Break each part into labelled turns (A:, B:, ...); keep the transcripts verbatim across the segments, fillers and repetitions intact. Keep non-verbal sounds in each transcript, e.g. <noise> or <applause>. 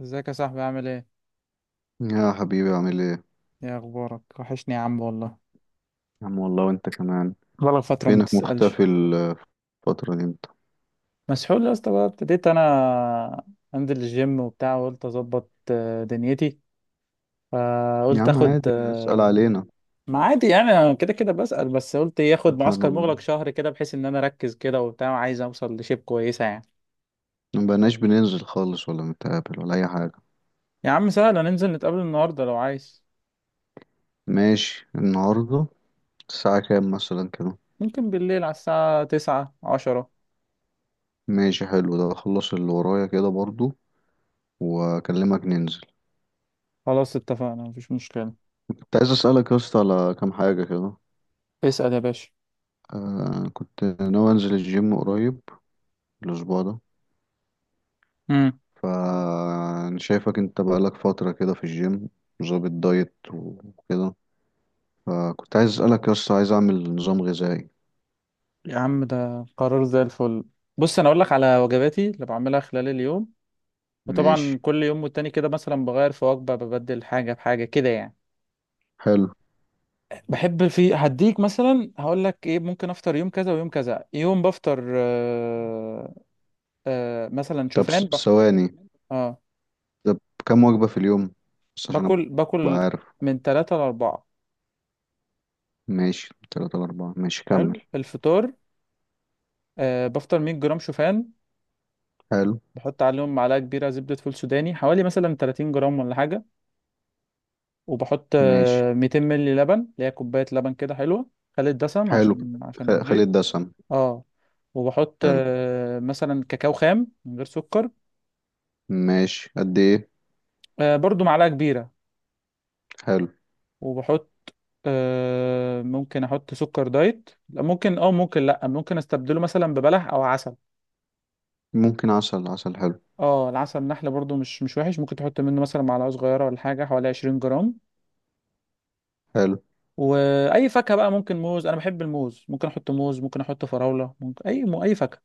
A: ازيك يا صاحبي، عامل ايه؟
B: يا حبيبي عامل ايه.
A: ايه اخبارك؟ وحشني يا عم والله.
B: يا عم والله وانت كمان.
A: بقالك فترة ما
B: فينك
A: بتسألش.
B: مختفي الفترة، دي انت.
A: مسحول يا اسطى، بقى ابتديت انا انزل الجيم وبتاع، وقلت اظبط آه، دنيتي،
B: يا
A: فقلت
B: عم
A: اخد
B: عادي اسأل
A: آه،
B: علينا.
A: ما عادي يعني، انا كده كده بسأل، بس قلت ايه، اخد
B: انت
A: معسكر
B: ما
A: مغلق شهر كده بحيث ان انا اركز كده وبتاع، وعايز اوصل لشيب كويسة يعني.
B: ما بقناش بننزل خالص ولا نتقابل ولا اي حاجة.
A: يا عم سهل، هننزل نتقابل النهاردة لو عايز.
B: ماشي النهاردة. الساعة كام مثلا كده؟
A: ممكن بالليل على الساعة تسعة عشرة.
B: ماشي حلو، ده اخلص اللي ورايا كده برضو واكلمك ننزل.
A: خلاص اتفقنا، مفيش مشكلة.
B: كنت عايز اسألك يا اسطى على كام حاجة كده.
A: اسأل يا باشا.
B: آه، كنت ناوي انزل الجيم قريب الاسبوع ده. فانا شايفك انت بقالك فترة كده في الجيم، ظابط دايت وكده. فكنت عايز اسألك يا اسطى، عايز اعمل نظام غذائي.
A: يا عم ده قرار زي الفل. بص انا اقول لك على وجباتي اللي بعملها خلال اليوم.
B: ماشي
A: وطبعا كل يوم والتاني كده، مثلا بغير في وجبه، ببدل حاجه بحاجه كده يعني.
B: حلو.
A: بحب في هديك، مثلا هقول لك ايه. ممكن افطر يوم كذا ويوم كذا. يوم بفطر آه، آه مثلا
B: طب س-
A: شوفان بح...
B: ثواني.
A: اه.
B: طب، كم وجبة في اليوم؟ بس عشان
A: باكل
B: ابقى
A: باكل
B: عارف.
A: من ثلاثة لأربعة.
B: ماشي، تلاتة لأربعة، ماشي كمل.
A: حلو الفطار، آه بفطر مية جرام شوفان.
B: حلو.
A: بحط عليهم معلقه كبيره زبده فول سوداني، حوالي مثلا تلاتين جرام ولا حاجه. وبحط
B: ماشي
A: آه، ميتين مللي لبن، اللي هي كوباية لبن كده حلوة. خالي الدسم
B: حلو.
A: عشان عشان
B: خ- خلي
A: الدايت.
B: الدسم.
A: اه. وبحط
B: حلو.
A: آه، مثلا كاكاو خام من غير سكر.
B: ماشي قد ايه؟
A: آه، برضو معلقة كبيرة.
B: حلو.
A: وبحط آه، ممكن احط سكر دايت، لا ممكن اه ممكن، لا ممكن استبدله مثلا ببلح او عسل.
B: ممكن عسل، عسل حلو.
A: اه العسل النحل برضو مش مش وحش، ممكن تحط منه مثلا معلقة صغيرة ولا حاجة، حوالي عشرين جرام.
B: حلو.
A: واي فاكهة بقى، ممكن موز، انا بحب الموز، ممكن احط موز، ممكن احط فراولة، ممكن اي اي فاكهة.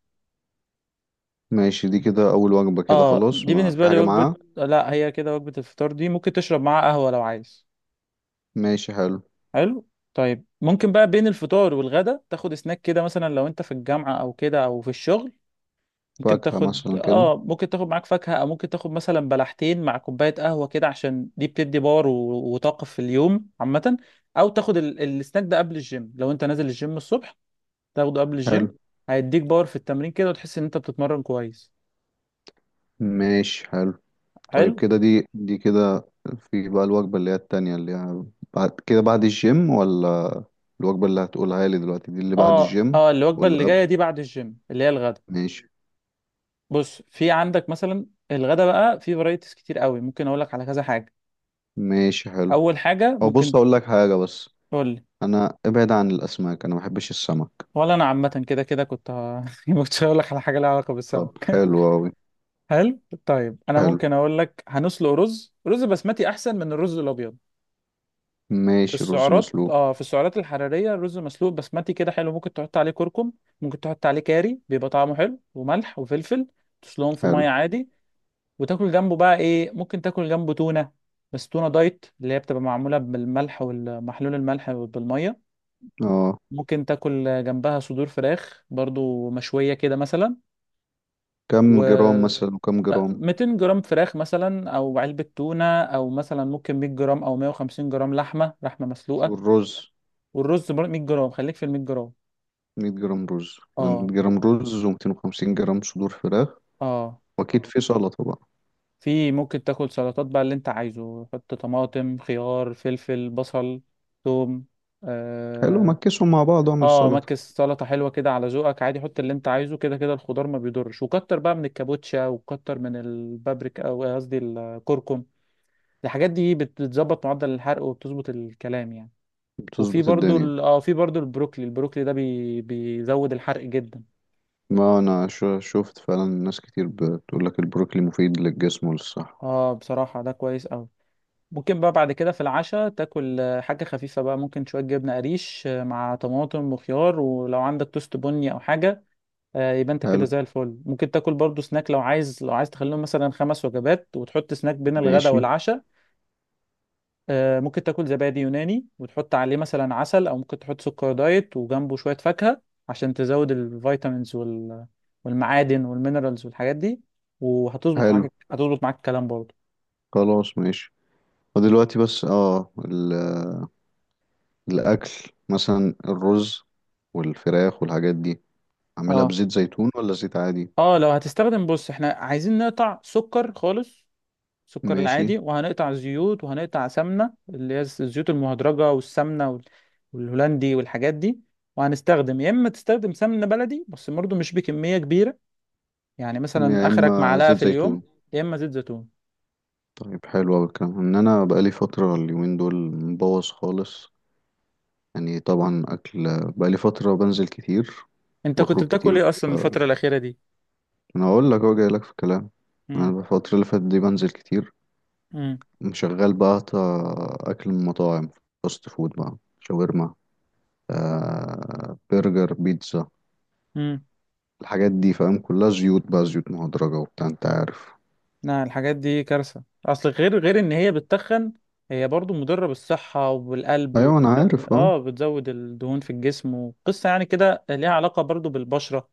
B: ماشي، دي كده اول وجبة كده
A: اه
B: خلاص،
A: دي
B: ما في
A: بالنسبة لي
B: حاجة
A: وجبة.
B: معاها؟
A: لا هي كده وجبة الفطار دي، ممكن تشرب معاها قهوة لو عايز.
B: ماشي حلو.
A: حلو. طيب ممكن بقى بين الفطار والغدا تاخد سناك كده، مثلا لو انت في الجامعة او كده او في الشغل. ممكن
B: فاكهة
A: تاخد
B: مثلا كده.
A: اه ممكن تاخد معاك فاكهة، او ممكن تاخد مثلا بلحتين مع كوباية قهوة كده، عشان دي بتدي باور و- وطاقة في اليوم عامة. او تاخد ال... السناك ده قبل الجيم، لو انت نازل الجيم الصبح تاخده قبل الجيم.
B: حلو.
A: هيديك باور في التمرين كده، وتحس ان انت بتتمرن كويس.
B: ماشي حلو. طيب
A: حلو.
B: كده دي دي كده. في بقى الوجبة اللي هي التانية اللي هي بعد كده، بعد الجيم؟ ولا الوجبة اللي هتقولها لي دلوقتي دي اللي بعد
A: اه
B: الجيم
A: اه الوجبه
B: ولا
A: اللي جايه
B: قبل؟
A: دي بعد الجيم، اللي هي الغدا.
B: ماشي.
A: بص، في عندك مثلا الغدا بقى في فرايتيز كتير قوي، ممكن اقول لك على كذا حاجه.
B: ماشي حلو.
A: اول حاجه
B: او
A: ممكن.
B: بص اقول لك حاجة بس،
A: تقول لي.
B: انا ابعد عن الاسماك، انا ما بحبش السمك.
A: ولا انا عامه كده كده، كنت ه- <laughs> كنت هقول لك على حاجه لها علاقه
B: طب
A: بالسمك
B: حلو
A: <laughs>
B: اوي.
A: هل. طيب انا
B: حلو.
A: ممكن اقول لك، هنسلق رز، رز بسمتي احسن من الرز الابيض. في
B: ماشي، رز
A: السعرات،
B: مسلوق.
A: اه في السعرات الحراريه الرز مسلوق بسمتي كده حلو، ممكن تحط عليه كركم. ممكن تحط عليه كاري، بيبقى طعمه حلو، وملح وفلفل. تسلقهم في
B: حلو.
A: ميه عادي. وتاكل جنبه بقى ايه، ممكن تاكل جنبه تونه. بس تونه دايت اللي هي بتبقى معموله بالملح والمحلول، الملح بالميه.
B: اه،
A: ممكن تاكل جنبها صدور فراخ برضو مشويه كده مثلا. و
B: كم جرام مثلا وكم جرام؟
A: ميتين جرام فراخ مثلا، او علبه تونه، او مثلا ممكن مية جرام او مية وخمسين جرام لحمه لحمه مسلوقه.
B: والرز؟
A: والرز برضو مية جرام، خليك في ال مية جرام.
B: مية جرام رز كده، مية
A: اه
B: جرام رز و250 جرام صدور فراخ.
A: اه.
B: واكيد في سلطة بقى.
A: في ممكن تاكل سلطات بقى اللي انت عايزه. حط طماطم، خيار، فلفل، بصل، ثوم.
B: حلو مكسهم مع بعض واعمل
A: اه
B: سلطة.
A: مكس سلطة حلوة كده على ذوقك عادي، حط اللي انت عايزه. كده كده الخضار ما بيضرش، وكتر بقى من الكابوتشا، وكتر من البابريكا، او إيه قصدي الكركم. الحاجات دي بت- بتظبط معدل الحرق، وبتظبط الكلام يعني. وفي
B: بتظبط
A: برضو
B: الدنيا.
A: ال... اه في برضو البروكلي، البروكلي ده بي... بيزود الحرق جدا.
B: ما انا شو- شفت فعلا ناس كتير بتقول لك البروكلي مفيد للجسم وللصحة.
A: اه بصراحة ده كويس قوي. ممكن بقى بعد كده في العشاء تاكل آه، حاجة خفيفة بقى، ممكن شوية جبنة قريش آه، مع طماطم وخيار، ولو عندك توست بني او حاجة. آه، يبقى انت كده
B: حلو.
A: زي الفل. ممكن تاكل برضو سناك لو عايز، لو عايز تخليهم مثلا خمس وجبات، وتحط سناك بين الغداء
B: ماشي
A: والعشاء. آه، ممكن تاكل زبادي يوناني وتحط عليه مثلا عسل، او ممكن تحط سكر دايت، وجنبه شوية فاكهة، عشان تزود الفيتامينز وال... والمعادن والمينرالز والحاجات دي. وهتظبط
B: حلو.
A: معاك هتظبط معاك الكلام برضو.
B: خلاص ماشي. ودلوقتي بس اه ال- الاكل، مثلا الرز والفراخ والحاجات دي، اعملها
A: اه
B: بزيت زيتون ولا زيت عادي؟
A: اه لو هتستخدم، بص احنا عايزين نقطع سكر خالص، السكر
B: ماشي.
A: العادي، وهنقطع زيوت، وهنقطع سمنة، اللي هي الزيوت المهدرجة والسمنة وال- والهولندي والحاجات دي. وهنستخدم يا إما تستخدم سمنة بلدي، بس برضه مش بكمية كبيرة، يعني مثلا
B: يا
A: آخرك
B: اما
A: معلقة
B: زيت
A: في اليوم.
B: زيتون.
A: يا إما زيت زيتون.
B: طيب حلو اوي الكلام، ان انا بقالي فترة اليومين دول مبوظ خالص. يعني طبعا اكل، بقالي فترة بنزل كتير.
A: أنت كنت
B: بخرج
A: بتاكل
B: كتير.
A: إيه أصلا الفترة الأخيرة دي؟
B: انا اقول لك اهو جاي لك في الكلام.
A: مم.
B: انا الفتره اللي فاتت دي بنزل كتير.
A: مم.
B: شغال بقى أت- اكل من مطاعم، فاست فود بقى، شاورما، آه، برجر، بيتزا.
A: مم.
B: الحاجات دي فاهم، كلها زيوت بقى، زيوت مهدرجه وبتاع، انت عارف.
A: لا الحاجات دي كارثة، أصل غير غير إن هي بتتخن، هي برضه مضرة بالصحة والقلب،
B: ايوه انا
A: وتخلي
B: عارف اه.
A: آه بتزود الدهون في الجسم، وقصة يعني كده ليها علاقة برضه بالبشرة.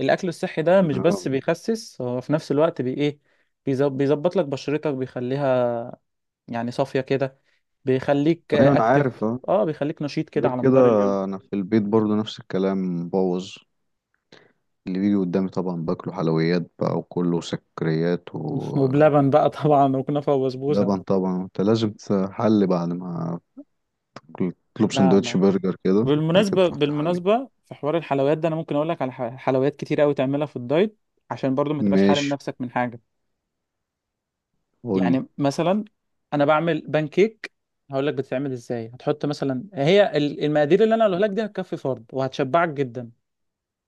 A: الاكل الصحي ده
B: انا
A: مش
B: آه.
A: بس بيخسس، هو في نفس الوقت بي ايه، بيز- بيظبط لك بشرتك، بيخليها يعني صافية كده، بيخليك
B: ايوه انا عارف
A: اكتف
B: اه.
A: اه بيخليك نشيط كده
B: غير
A: على
B: كده،
A: مدار اليوم.
B: انا في البيت برضو نفس الكلام مبوظ. اللي بيجي قدامي طبعا باكله، حلويات بقى وكله سكريات ولبن.
A: وبلبن بقى طبعا، وكنافة وبسبوسة.
B: طبعا انت لازم تحل بعد ما تطلب
A: لا
B: سندوتش
A: لا.
B: برجر كده، بعد كده
A: بالمناسبة
B: تروح تحلي.
A: بالمناسبة في حوار الحلويات ده، انا ممكن اقول لك على ح- حلويات كتير قوي تعملها في الدايت، عشان برضو ما تبقاش حارم
B: ماشي.
A: نفسك من حاجة.
B: قول لي.
A: يعني مثلا انا بعمل بانكيك، هقول لك بتتعمل ازاي. هتحط مثلا هي ال- المقادير اللي انا هقولها لك دي، هتكفي فرد وهتشبعك جدا.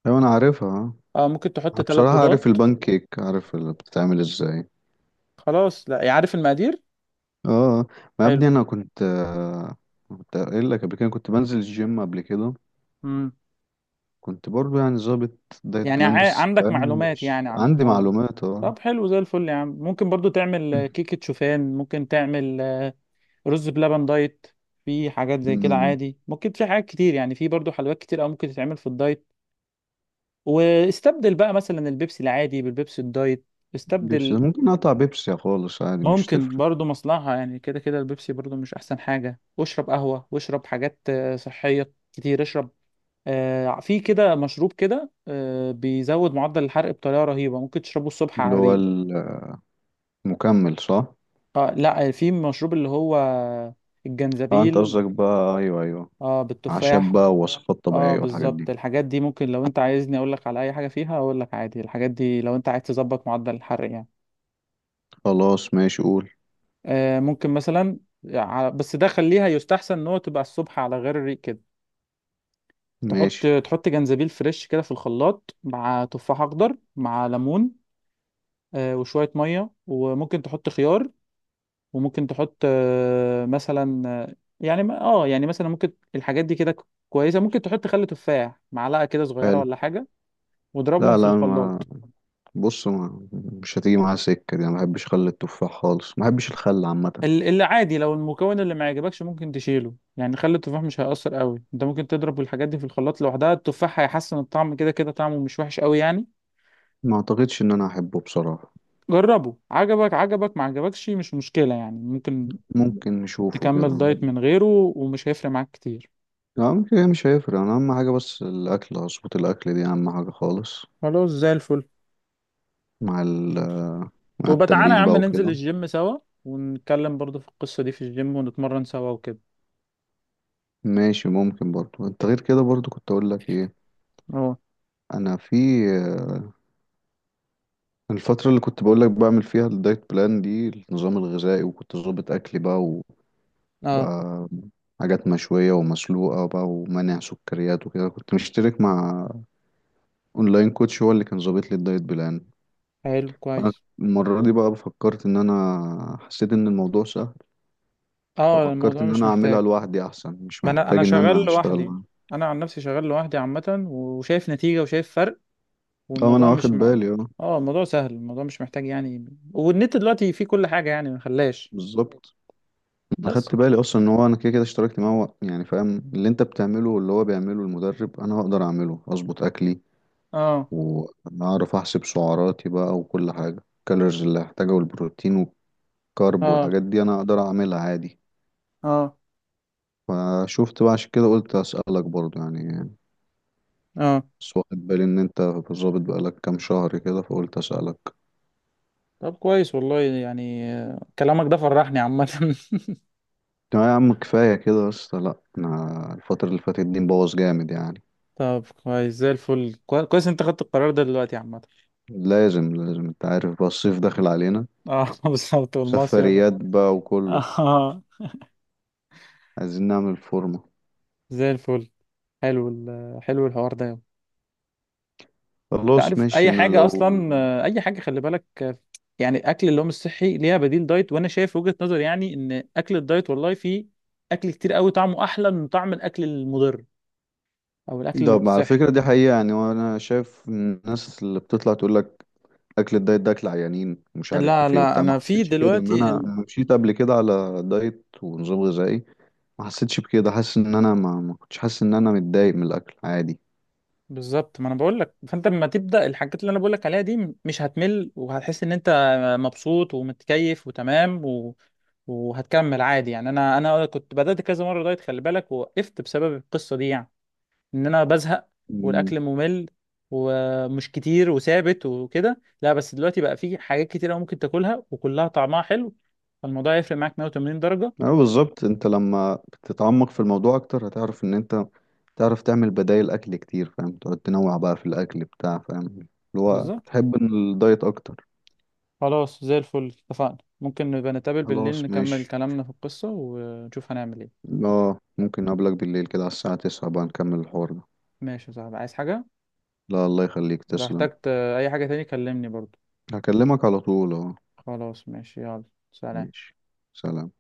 B: ايوه انا عارفها آه.
A: اه ممكن تحط
B: أنا
A: ثلاث
B: بصراحة
A: بيضات.
B: عارف البان كيك، عارف اللي بتتعمل ازاي.
A: خلاص لا عارف المقادير.
B: اه. ما يا ابني
A: حلو.
B: انا كنت آه، كنت قايل لك قبل كده، كنت بنزل الجيم قبل كده.
A: امم.
B: كنت برضو يعني ظابط دايت
A: يعني
B: بلان،
A: ع...
B: بس
A: عندك
B: فاهم
A: معلومات
B: مش
A: يعني عن
B: عندي
A: الحوار.
B: معلومات اه.
A: طب حلو زي الفل يا عم، ممكن برضو تعمل آه، كيكة شوفان، ممكن تعمل آه، رز بلبن دايت. في حاجات زي كده
B: أمم،
A: عادي، ممكن في حاجات كتير يعني، في برضو حلويات كتير او ممكن تتعمل في الدايت. واستبدل بقى مثلا البيبسي العادي بالبيبسي الدايت.
B: بيبسي
A: استبدل.
B: ممكن اقطع بيبسي خالص عادي، مش
A: ممكن
B: تفرق.
A: برضو مصلحة يعني، كده كده البيبسي برضو مش احسن حاجة، واشرب قهوة، واشرب حاجات آه، صحية كتير. اشرب آه، في كده مشروب كده آه، بيزود معدل الحرق بطريقة رهيبة، ممكن تشربه الصبح على
B: اللي هو
A: الريق.
B: المكمل صح؟
A: اه لا في مشروب اللي هو
B: اه انت
A: الجنزبيل.
B: قصدك بقى، ايوه ايوه.
A: اه
B: عشان
A: بالتفاح.
B: بقى وصفات
A: اه
B: طبيعية والحاجات
A: بالظبط،
B: دي.
A: الحاجات دي ممكن، لو انت عايزني اقول لك على اي حاجة فيها اقول لك عادي. الحاجات دي لو انت عايز تظبط معدل الحرق يعني.
B: خلاص ماشي قول.
A: آه، ممكن مثلا ع- بس ده خليها يستحسن ان هو تبقى الصبح على غير الريق كده. تحط
B: ماشي
A: تحط جنزبيل فريش كده في الخلاط، مع تفاح اخضر، مع ليمون آه، وشوية مية، وممكن تحط خيار، وممكن تحط آه، مثلا آه، يعني ما- اه يعني مثلا ممكن الحاجات دي كده كويسه، ممكن تحط خل تفاح، معلقه كده صغيره
B: حلو.
A: ولا حاجه، واضربهم
B: لا
A: في
B: لا. ما
A: الخلاط.
B: بص، ما مش هتيجي معايا سكة دي، أنا ما بحبش خل التفاح خالص، ما بحبش الخل عامة.
A: ال- اللي عادي لو المكون اللي ما عجبكش ممكن تشيله يعني، خل التفاح مش هيأثر قوي، انت ممكن تضرب الحاجات دي في الخلاط لوحدها، التفاح هيحسن الطعم، كده كده طعمه مش وحش قوي يعني.
B: ما أعتقدش إن أنا أحبه بصراحة.
A: جربه، عجبك عجبك، ما عجبكش مش مشكله يعني، ممكن
B: ممكن نشوفه
A: تكمل
B: كده.
A: دايت من غيره، ومش هيفرق معاك كتير.
B: لا، ممكن هي مش هيفرق، أنا أهم حاجة بس الأكل، أظبط الأكل دي أهم حاجة خالص.
A: خلاص زي الفل.
B: مع ال، مع
A: وبتعالى يا
B: التمرين
A: عم
B: بقى
A: ننزل
B: وكده.
A: الجيم سوا، ونتكلم برضو في القصة دي في الجيم، ونتمرن سوا وكده.
B: ماشي. ممكن برضو، أنت غير كده برضو كنت أقول لك إيه.
A: اه
B: أنا في الفترة اللي كنت بقول لك بعمل فيها الدايت بلان دي، النظام الغذائي، وكنت ظابط أكلي بقى
A: اه.
B: بقى حاجات مشوية ومسلوقة بقى ومنع سكريات وكده. كنت مشترك مع اونلاين كوتش، هو اللي كان ظابط لي الدايت بلان.
A: حلو كويس.
B: انا المرة دي بقى فكرت، ان انا حسيت ان الموضوع سهل.
A: اه
B: ففكرت
A: الموضوع
B: ان
A: مش
B: انا
A: محتاج.
B: اعملها لوحدي احسن، مش
A: ما انا انا
B: محتاج ان
A: شغال
B: انا اشتغل
A: لوحدي،
B: معاه.
A: انا عن نفسي شغال لوحدي عامة، وشايف نتيجة وشايف فرق،
B: طبعا انا
A: والموضوع
B: واخد
A: مش م...
B: بالي اه.
A: اه الموضوع سهل، الموضوع مش محتاج يعني. والنت دلوقتي فيه كل حاجة يعني، ما خلاش.
B: بالظبط. انا
A: بس.
B: خدت بالي اصلا ان هو، انا كده كده اشتركت معاه، هو يعني فاهم اللي انت بتعمله واللي هو بيعمله المدرب، انا هقدر اعمله، اظبط اكلي
A: اه
B: واعرف احسب سعراتي بقى وكل حاجة، الكالوريز اللي هحتاجها والبروتين كارب
A: اه
B: والحاجات دي، انا اقدر اعملها عادي.
A: اه
B: فشفت بقى عشان كده قلت اسالك برضو يعني.
A: اه.
B: بس واخد بالي ان انت ظابط بقالك كام شهر كده، فقلت اسالك.
A: طب كويس والله يعني، آه، كلامك ده فرحني عامة <laughs>
B: لا يا عم كفايه كده بس، لا انا الفتره اللي فاتت دي مبوظ جامد يعني.
A: طب كويس زي الفل، كوي- كويس انت خدت القرار ده دلوقتي عامة.
B: لازم لازم، انت عارف بقى الصيف داخل علينا.
A: اه <laughs> بالظبط، والمصيف.
B: سفريات بقى وكله.
A: اه.
B: عايزين نعمل فورمه.
A: زي الفل. حلو ال- حلو الحوار ده يابا. انت
B: خلاص
A: عارف
B: ماشي
A: اي
B: انا
A: حاجه
B: لو.
A: اصلا، آه، اي حاجه خلي بالك. آه، يعني اكل اللي هو مش صحي ليها بديل دايت. وانا شايف وجهه نظر يعني، ان اكل الدايت والله فيه اكل كتير قوي طعمه احلى من طعم الاكل المضر، او الاكل
B: ده
A: اللي مش
B: على
A: صحي.
B: فكره دي حقيقه يعني. وانا شايف الناس اللي بتطلع تقول لك اكل الدايت ده اكل عيانين ومش
A: لا
B: عارف ايه
A: لا
B: وبتاع، ما
A: انا في
B: حسيتش كده، ان
A: دلوقتي.
B: انا لما مشيت قبل كده على دايت ونظام غذائي ما حسيتش بكده. حاسس ان انا ما, ما كنتش حاسس ان انا متضايق من الاكل عادي.
A: بالظبط، ما انا بقول لك. فانت لما تبدا الحاجات اللي انا بقول لك عليها دي، م- مش هتمل، وهتحس ان انت مبسوط ومتكيف وتمام و... وهتكمل عادي يعني. انا انا كنت بدات كذا مره دايت خلي بالك، ووقفت بسبب القصه دي يعني، ان انا بزهق،
B: امم.
A: والاكل ممل ومش كتير وثابت وكده. لا بس دلوقتي بقى في حاجات كتير أوي ممكن تاكلها، وكلها طعمها حلو. فالموضوع يفرق معاك مية وتمانين درجه.
B: اه بالظبط، انت لما بتتعمق في الموضوع اكتر هتعرف ان انت تعرف تعمل بدائل اكل كتير فاهم، تقعد تنوع بقى في الاكل بتاع، فاهم اللي هو
A: بالظبط.
B: تحب ان الدايت اكتر.
A: خلاص زي الفل اتفقنا، ممكن نبقى نتقابل بالليل،
B: خلاص
A: نكمل
B: ماشي.
A: كلامنا في القصه، ونشوف هنعمل ايه.
B: اه، ممكن اقابلك بالليل كده على الساعة تسعة بقى نكمل الحوار ده.
A: ماشي يا صاحبي، عايز حاجة؟
B: لا الله يخليك
A: لو
B: تسلم.
A: احتجت آه، أي حاجة تاني كلمني برضو.
B: هكلمك على طول اه.
A: خلاص ماشي، يلا سلام.
B: ماشي سلام.